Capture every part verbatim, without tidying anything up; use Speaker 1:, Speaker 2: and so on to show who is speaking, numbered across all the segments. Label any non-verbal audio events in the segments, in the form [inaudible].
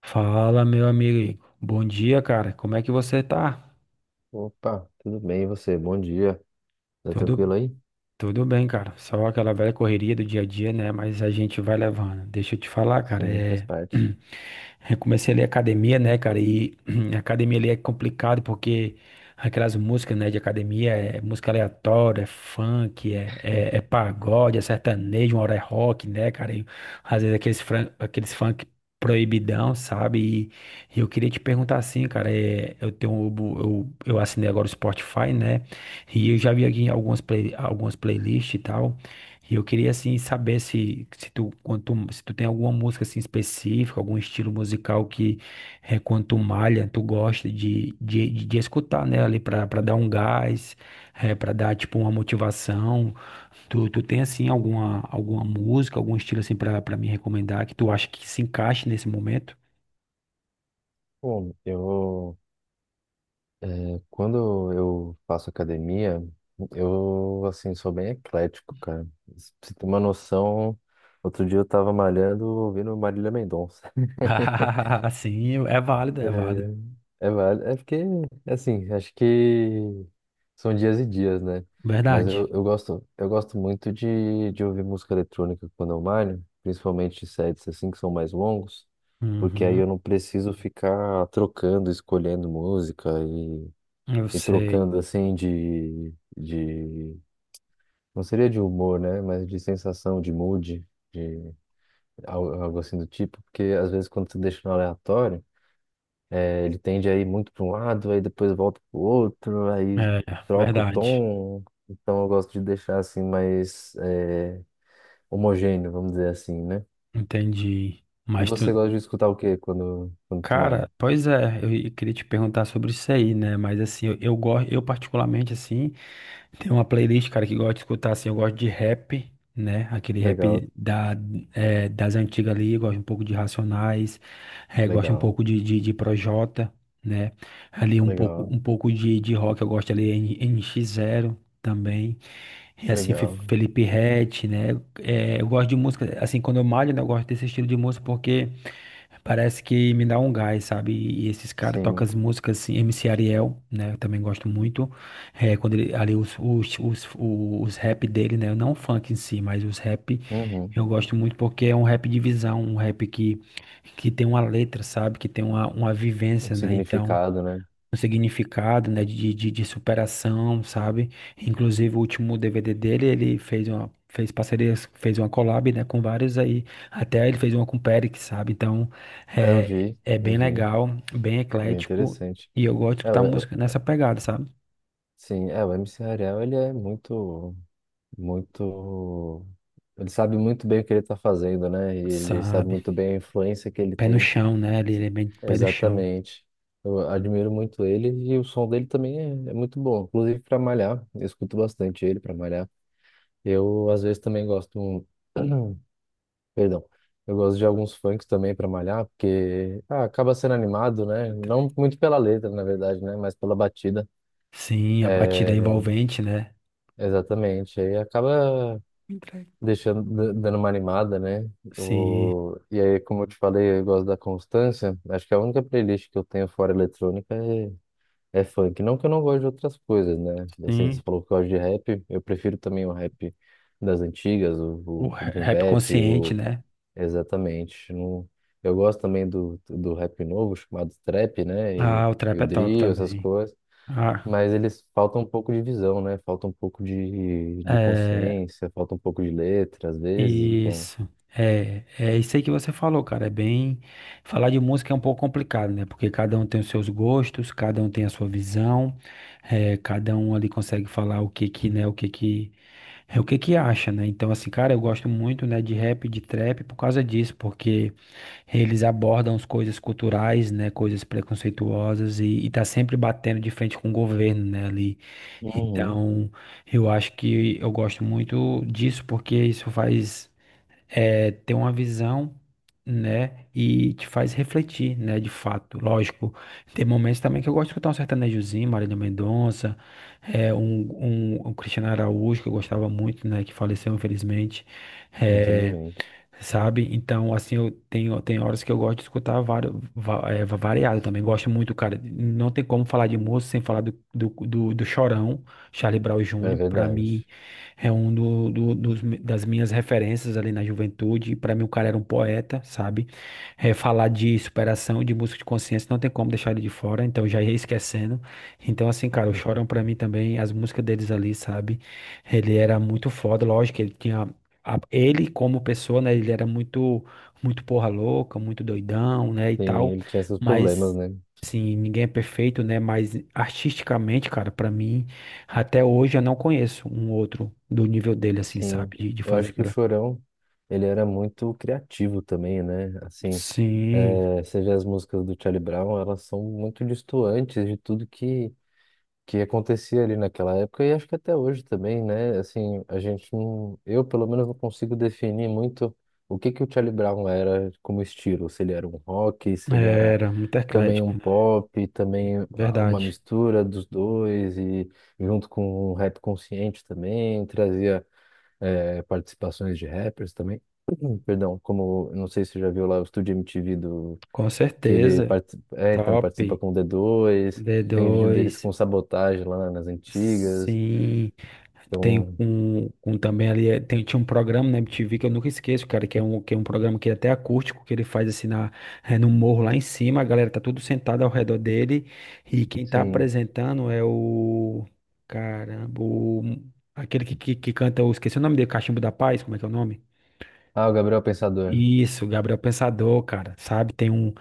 Speaker 1: Fala, meu amigo. Bom dia, cara. Como é que você tá?
Speaker 2: Opa, tudo bem, e você? Bom dia. Tá
Speaker 1: Tudo
Speaker 2: tranquilo aí?
Speaker 1: Tudo bem, cara. Só aquela velha correria do dia a dia, né? Mas a gente vai levando. Deixa eu te falar, cara.
Speaker 2: Sim, faz
Speaker 1: É...
Speaker 2: parte.
Speaker 1: [clears throat] Eu comecei a ler academia, né, cara? E [clears throat] a academia ali é complicado porque aquelas músicas, né, de academia é música aleatória, é funk, é, é, é pagode, é sertanejo, uma hora é rock, né, cara? E, às vezes aqueles, fran... aqueles funk proibidão, sabe? E, e eu queria te perguntar assim, cara. É... Eu tenho, eu, eu assinei agora o Spotify, né? E eu já vi aqui em algumas, play, algumas playlists e tal. E eu queria assim saber se, se tu, quanto, se tu tem alguma música assim específica, algum estilo musical que é, quando tu malha, tu gosta de, de, de, de escutar, né, ali pra, pra dar um gás, é, pra dar tipo uma motivação. Tu, tu tem assim alguma, alguma música, algum estilo assim pra, pra me recomendar que tu acha que se encaixe nesse momento?
Speaker 2: Bom, eu, é, quando eu faço academia, eu, assim, sou bem eclético, cara. Pra você ter uma noção, outro dia eu tava malhando ouvindo Marília Mendonça. [laughs]
Speaker 1: [laughs] Sim, é válido, é válido.
Speaker 2: É, é válido. É porque, assim, acho que são dias e dias, né? Mas
Speaker 1: Verdade.
Speaker 2: eu, eu gosto, eu gosto muito de, de ouvir música eletrônica quando eu malho, principalmente sets assim que são mais longos, porque aí
Speaker 1: Uhum,
Speaker 2: eu não preciso ficar trocando, escolhendo música e,
Speaker 1: eu
Speaker 2: e
Speaker 1: sei.
Speaker 2: trocando assim de, de, não seria de humor, né? Mas de sensação, de mood, de algo algo assim do tipo, porque às vezes quando você deixa no aleatório é, ele tende a ir muito para um lado, aí depois volta para o outro, aí
Speaker 1: É,
Speaker 2: troca o
Speaker 1: verdade.
Speaker 2: tom. Então eu gosto de deixar assim mais é, homogêneo, vamos dizer assim, né?
Speaker 1: Entendi.
Speaker 2: E
Speaker 1: Mas
Speaker 2: você
Speaker 1: tu,
Speaker 2: gosta de escutar o quê quando, quando tu malha?
Speaker 1: cara, pois é, eu ia- queria te perguntar sobre isso aí, né? Mas assim, eu, eu gosto, eu particularmente assim, tem uma playlist, cara, que gosto de escutar assim, eu gosto de rap, né? Aquele rap
Speaker 2: Legal,
Speaker 1: da, é, das antigas ali, eu gosto um pouco de Racionais, é, gosto um
Speaker 2: legal,
Speaker 1: pouco de, de, de Projota, né? Ali um pouco,
Speaker 2: legal,
Speaker 1: um pouco de, de rock, eu gosto ali N X zero também. É assim, Fe-
Speaker 2: legal.
Speaker 1: Felipe Ret, né? É, eu gosto de música, assim, quando eu malho, né, eu gosto desse estilo de música porque parece que me dá um gás, sabe? E esses caras tocam
Speaker 2: Sim.
Speaker 1: as músicas assim, M C Ariel, né? Eu também gosto muito. É, quando ele, ali os, os, os, os rap dele, né? Não o funk em si, mas os rap
Speaker 2: Uhum.
Speaker 1: eu gosto muito porque é um rap de visão, um rap que, que tem uma letra, sabe? Que tem uma, uma
Speaker 2: Um
Speaker 1: vivência, né? Então
Speaker 2: significado, né?
Speaker 1: um significado, né, de, de, de superação, sabe? Inclusive, o último D V D dele, ele fez uma, fez parcerias, fez uma collab, né, com vários aí, até ele fez uma com o Perix, sabe? Então,
Speaker 2: É, eu
Speaker 1: é,
Speaker 2: vi,
Speaker 1: é
Speaker 2: eu
Speaker 1: bem
Speaker 2: vi.
Speaker 1: legal, bem
Speaker 2: Bem
Speaker 1: eclético,
Speaker 2: interessante.
Speaker 1: e eu gosto de
Speaker 2: É,
Speaker 1: escutar
Speaker 2: o- é, o-
Speaker 1: música nessa pegada, sabe?
Speaker 2: sim, é, o M C Ariel, ele é muito. Muito. Ele sabe muito bem o que ele está fazendo, né? E ele sabe
Speaker 1: Sabe?
Speaker 2: muito bem a influência que ele
Speaker 1: Pé no
Speaker 2: tem.
Speaker 1: chão, né, ele, ele é bem pé no chão.
Speaker 2: Exatamente. Eu admiro muito ele e o som dele também é, é muito bom. Inclusive para malhar, eu escuto bastante ele para malhar. Eu às vezes também gosto, perdão, eu gosto de alguns funks também para malhar, porque ah, acaba sendo animado, né? Não muito pela letra, na verdade, né? Mas pela batida.
Speaker 1: Sim, a batida é
Speaker 2: É,
Speaker 1: envolvente, né?
Speaker 2: exatamente. Aí acaba
Speaker 1: Entregue.
Speaker 2: deixando, da- dando uma animada, né?
Speaker 1: Sim,
Speaker 2: O, e aí, como eu te falei, eu gosto da Constância. Acho que a única playlist que eu tenho fora eletrônica é, é funk. Não que eu não goste de outras coisas, né? Assim, você
Speaker 1: sim.
Speaker 2: falou que gosta de rap, eu prefiro também o rap das antigas, o,
Speaker 1: O
Speaker 2: o, o
Speaker 1: ra-
Speaker 2: boom
Speaker 1: rap
Speaker 2: bap,
Speaker 1: consciente,
Speaker 2: o,
Speaker 1: né?
Speaker 2: exatamente. Não, eu gosto também do, do rap novo, chamado trap, né?
Speaker 1: Ah,
Speaker 2: E,
Speaker 1: o
Speaker 2: e
Speaker 1: trap
Speaker 2: o
Speaker 1: é top
Speaker 2: drill, essas
Speaker 1: também.
Speaker 2: coisas.
Speaker 1: Ah.
Speaker 2: Mas eles faltam um pouco de visão, né? Falta um pouco de, de
Speaker 1: É,
Speaker 2: consciência, falta um pouco de letra, às vezes, então.
Speaker 1: isso. É, é isso aí que você falou, cara. É bem. Falar de música é um pouco complicado, né? Porque cada um tem os seus gostos, cada um tem a sua visão, é, cada um ali consegue falar o que que, né, o que que, é o que que acha, né? Então, assim, cara, eu gosto muito, né, de rap, de trap por causa disso, porque. Eles abordam as coisas culturais, né, coisas preconceituosas e, e tá sempre batendo de frente com o governo, né, ali.
Speaker 2: Uhum,
Speaker 1: Então, eu acho que eu gosto muito disso porque isso faz é, ter uma visão, né, e te faz refletir, né, de fato. Lógico, tem momentos também que eu gosto de escutar um sertanejozinho, Marília Mendonça, é, um, um, um Cristiano Araújo, que eu gostava muito, né, que faleceu infelizmente. É,
Speaker 2: infelizmente.
Speaker 1: sabe? Então, assim, eu tenho, tem horas que eu gosto de escutar vários, variado também. Gosto muito, cara. Não tem como falar de música sem falar do, do, do, do Chorão, Charlie Brown
Speaker 2: É
Speaker 1: Júnior. Para
Speaker 2: verdade.
Speaker 1: mim, é um do, do- dos mi- das minhas referências ali na juventude. Para mim, o cara era um poeta, sabe? É, falar de superação, de música de consciência, não tem como deixar ele de fora. Então, já ia esquecendo. Então, assim, cara, o Chorão para
Speaker 2: [laughs]
Speaker 1: mim também, as músicas deles ali, sabe? Ele era muito foda, lógico, ele tinha a- ele como pessoa, né, ele era muito muito porra louca, muito doidão, né, e
Speaker 2: Sim,
Speaker 1: tal,
Speaker 2: ele tinha seus problemas,
Speaker 1: mas
Speaker 2: né?
Speaker 1: sim, ninguém é perfeito, né, mas artisticamente, cara, pra mim, até hoje eu não conheço um outro do nível dele assim,
Speaker 2: Sim,
Speaker 1: sabe, de, de
Speaker 2: eu
Speaker 1: fazer
Speaker 2: acho que o
Speaker 1: aquela.
Speaker 2: Chorão, ele era muito criativo também, né? Assim,
Speaker 1: Sim,
Speaker 2: eh, você vê as músicas do Charlie Brown, elas são muito distantes de tudo que que acontecia ali naquela época e acho que até hoje também, né? Assim, a gente não, eu pelo menos não consigo definir muito o que que o Charlie Brown era como estilo, se ele era um rock, se ele era
Speaker 1: era muito
Speaker 2: também um
Speaker 1: eclético, né?
Speaker 2: pop, também ah, uma
Speaker 1: Verdade.
Speaker 2: mistura dos dois e junto com um rap consciente também, trazia eh, participações de rappers também. Perdão, como não sei se você já viu lá o Estúdio M T V
Speaker 1: Com
Speaker 2: que ele
Speaker 1: certeza.
Speaker 2: parti- é, então,
Speaker 1: Top.
Speaker 2: participa com o d dois.
Speaker 1: D
Speaker 2: Tem vídeo deles
Speaker 1: dois.
Speaker 2: com sabotagem lá nas antigas.
Speaker 1: Sim, tenho
Speaker 2: Então,
Speaker 1: com, com também ali, eh, tem, tinha um programa na M T V que eu nunca esqueço, cara, que é um, que é um programa que é até acústico, que ele faz assim na, eh, no morro lá em cima, a galera tá tudo sentada ao redor dele, e quem tá
Speaker 2: sim.
Speaker 1: apresentando é o, caramba, o- aquele que, que, que canta, eu esqueci o nome dele, Cachimbo da Paz, como é que é o nome?
Speaker 2: Ah, o Gabriel Pensador.
Speaker 1: Isso, Gabriel Pensador, cara, sabe? Tem um,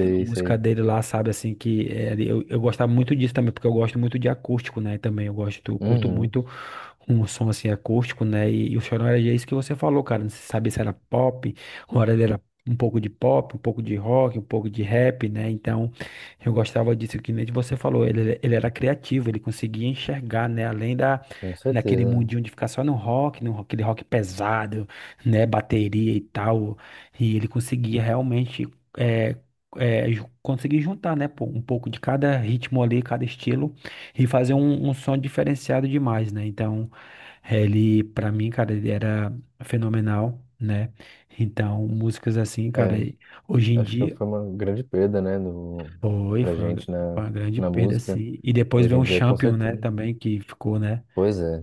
Speaker 1: tem uma música
Speaker 2: sei.
Speaker 1: dele lá, sabe, assim, que é, eu, eu gostava muito disso também, porque eu gosto muito de acústico, né? Também eu gosto, eu curto
Speaker 2: Uhum,
Speaker 1: muito um som assim acústico, né? E, e o Chorão era isso que você falou, cara. Não se sabia se era pop, ou era ele era um pouco de pop, um pouco de rock, um pouco de rap, né? Então, eu gostava disso que nem você falou. Ele, ele era criativo, ele conseguia enxergar, né? Além da,
Speaker 2: com
Speaker 1: daquele
Speaker 2: certeza.
Speaker 1: mundinho de ficar só no rock, no, aquele rock pesado, né, bateria e tal. E ele conseguia realmente é, é, ju- conseguir juntar, né, pô, um pouco de cada ritmo ali, cada estilo, e fazer um, um som diferenciado demais, né? Então, é, ele, pra mim, cara, ele era fenomenal, né? Então, músicas assim, cara,
Speaker 2: É,
Speaker 1: e hoje em
Speaker 2: acho que
Speaker 1: dia,
Speaker 2: foi uma grande perda, né, do,
Speaker 1: foi,
Speaker 2: pra
Speaker 1: foi uma,
Speaker 2: gente
Speaker 1: foi
Speaker 2: na,
Speaker 1: uma grande
Speaker 2: na
Speaker 1: perda,
Speaker 2: música.
Speaker 1: assim. E depois
Speaker 2: Hoje
Speaker 1: veio
Speaker 2: em
Speaker 1: um
Speaker 2: dia, com
Speaker 1: Champion, né,
Speaker 2: certeza.
Speaker 1: também, que ficou, né,
Speaker 2: Pois é.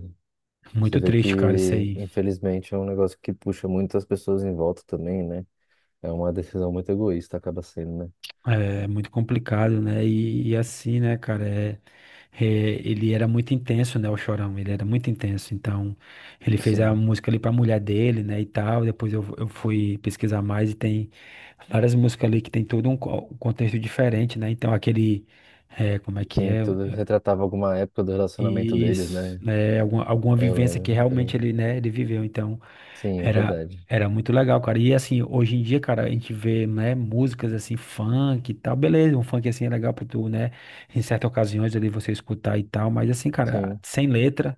Speaker 2: Você
Speaker 1: muito
Speaker 2: vê que,
Speaker 1: triste, cara, isso aí.
Speaker 2: infelizmente, é um negócio que puxa muito as pessoas em volta também, né? É uma decisão muito egoísta, acaba sendo, né?
Speaker 1: É, é muito complicado, né? E, e assim, né, cara, é, é, ele era muito intenso, né, o Chorão, ele era muito intenso, então ele fez a
Speaker 2: Sim.
Speaker 1: música ali pra mulher dele, né, e tal, depois eu, eu fui pesquisar mais e tem várias músicas ali que tem todo um co- um contexto diferente, né, então aquele, é, como é que
Speaker 2: Sim,
Speaker 1: é?
Speaker 2: tudo retratava alguma época do relacionamento deles,
Speaker 1: Isso,
Speaker 2: né?
Speaker 1: né, alguma, alguma
Speaker 2: Eu
Speaker 1: vivência que
Speaker 2: lembro.
Speaker 1: realmente
Speaker 2: Eu...
Speaker 1: ele, né, ele viveu, então
Speaker 2: Sim, é
Speaker 1: era,
Speaker 2: verdade.
Speaker 1: era muito legal, cara, e assim, hoje em dia, cara, a gente vê, né, músicas assim, funk e tal, beleza, um funk assim é legal pra tu, né, em certas ocasiões ali você escutar e tal, mas assim, cara,
Speaker 2: Sim.
Speaker 1: sem letra,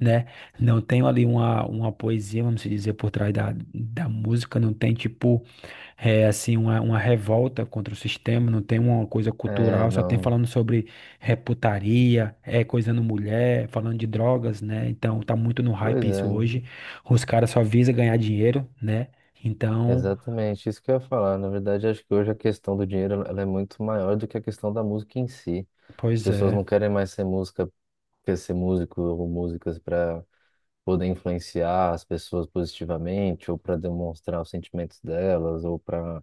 Speaker 1: né, não tem ali uma, uma poesia, vamos dizer, por trás da, da música, não tem, tipo, é assim, uma, uma revolta contra o sistema, não tem uma coisa
Speaker 2: É,
Speaker 1: cultural, só tem
Speaker 2: não.
Speaker 1: falando sobre é, putaria, é coisa no mulher, falando de drogas, né? Então tá muito no
Speaker 2: Pois
Speaker 1: hype isso hoje.
Speaker 2: é,
Speaker 1: Os caras só visam ganhar dinheiro, né? Então,
Speaker 2: exatamente isso que eu ia falar. Na verdade, acho que hoje a questão do dinheiro ela é muito maior do que a questão da música em si. As
Speaker 1: pois
Speaker 2: pessoas
Speaker 1: é.
Speaker 2: não querem mais ser música, quer ser músico ou músicas para poder influenciar as pessoas positivamente ou para demonstrar os sentimentos delas ou para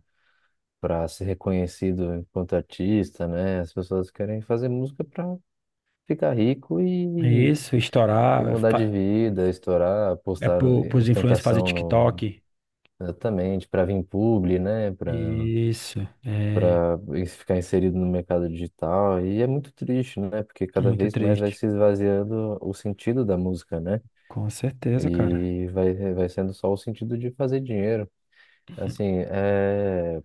Speaker 2: para ser reconhecido enquanto artista, né? As pessoas querem fazer música ficar rico e,
Speaker 1: Isso,
Speaker 2: e
Speaker 1: estourar,
Speaker 2: mudar de
Speaker 1: fa-
Speaker 2: vida, estourar,
Speaker 1: é
Speaker 2: postar
Speaker 1: pro, pros influencers fazer
Speaker 2: ostentação no,
Speaker 1: TikTok.
Speaker 2: exatamente, para vir publi, né? Para
Speaker 1: Isso, é
Speaker 2: para ficar inserido no mercado digital. E é muito triste, né? Porque cada
Speaker 1: muito
Speaker 2: vez mais vai
Speaker 1: triste.
Speaker 2: se esvaziando o sentido da música, né?
Speaker 1: Com certeza, cara.
Speaker 2: E vai, vai sendo só o sentido de fazer dinheiro. Assim, é,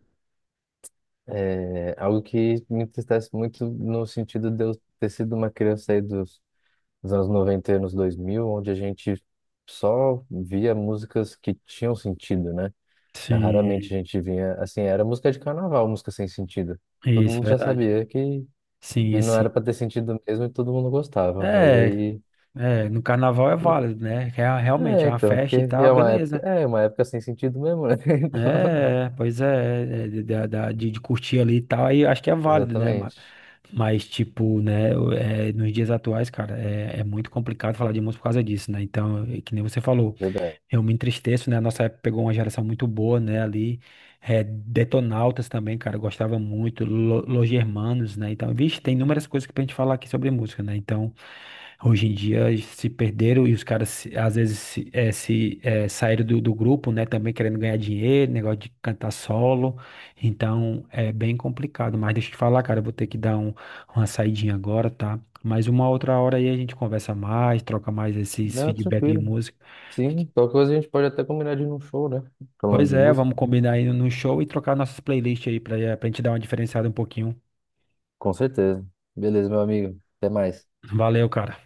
Speaker 2: é algo que me entristece muito no sentido de eu ter sido uma criança aí dos nos anos noventa e anos dois mil onde a gente só via músicas que tinham sentido, né? Raramente
Speaker 1: Sim,
Speaker 2: a gente vinha, assim, era música de carnaval, música sem sentido. Todo
Speaker 1: isso,
Speaker 2: mundo já
Speaker 1: verdade.
Speaker 2: sabia que,
Speaker 1: Sim,
Speaker 2: que não
Speaker 1: sim.
Speaker 2: era para ter sentido mesmo e todo mundo gostava, mas
Speaker 1: É,
Speaker 2: aí
Speaker 1: é, no carnaval é
Speaker 2: e-
Speaker 1: válido, né? Rea- Realmente, é
Speaker 2: é,
Speaker 1: uma
Speaker 2: então, porque
Speaker 1: festa e tal,
Speaker 2: é uma época,
Speaker 1: beleza.
Speaker 2: é uma época sem sentido mesmo, né? [laughs] Então,
Speaker 1: É, pois é, é, é, de, da- da- de, de curtir ali e tal, aí eu acho que é válido, né? Ma-
Speaker 2: exatamente.
Speaker 1: Mas, tipo, né, o- é, nos dias atuais, cara, é, é muito complicado falar de música por causa disso, né? Então, é que nem você falou,
Speaker 2: Verdade.
Speaker 1: eu me entristeço, né? A nossa época pegou uma geração muito boa, né? Ali, é, Detonautas também, cara, eu gostava muito, Lo- Los Hermanos, né? Então, vixe, tem inúmeras coisas que pra gente falar aqui sobre música, né? Então, hoje em dia se perderam e os caras, se- às vezes, se, é, se, é, saíram do, do grupo, né? Também querendo ganhar dinheiro, negócio de cantar solo. Então, é bem complicado. Mas deixa eu te falar, cara, eu vou ter que dar um, uma saidinha agora, tá? Mas uma outra hora aí a gente conversa mais, troca mais esses
Speaker 2: Não,
Speaker 1: feedback de
Speaker 2: tranquilo.
Speaker 1: música.
Speaker 2: Sim, qualquer coisa a gente pode até combinar de ir num show, né? Falando
Speaker 1: Pois
Speaker 2: de
Speaker 1: é,
Speaker 2: música.
Speaker 1: vamos combinar aí no show e trocar nossas playlists aí pra, eh, pra gente dar uma diferenciada um pouquinho.
Speaker 2: Com certeza. Beleza, meu amigo. Até mais.
Speaker 1: Valeu, cara.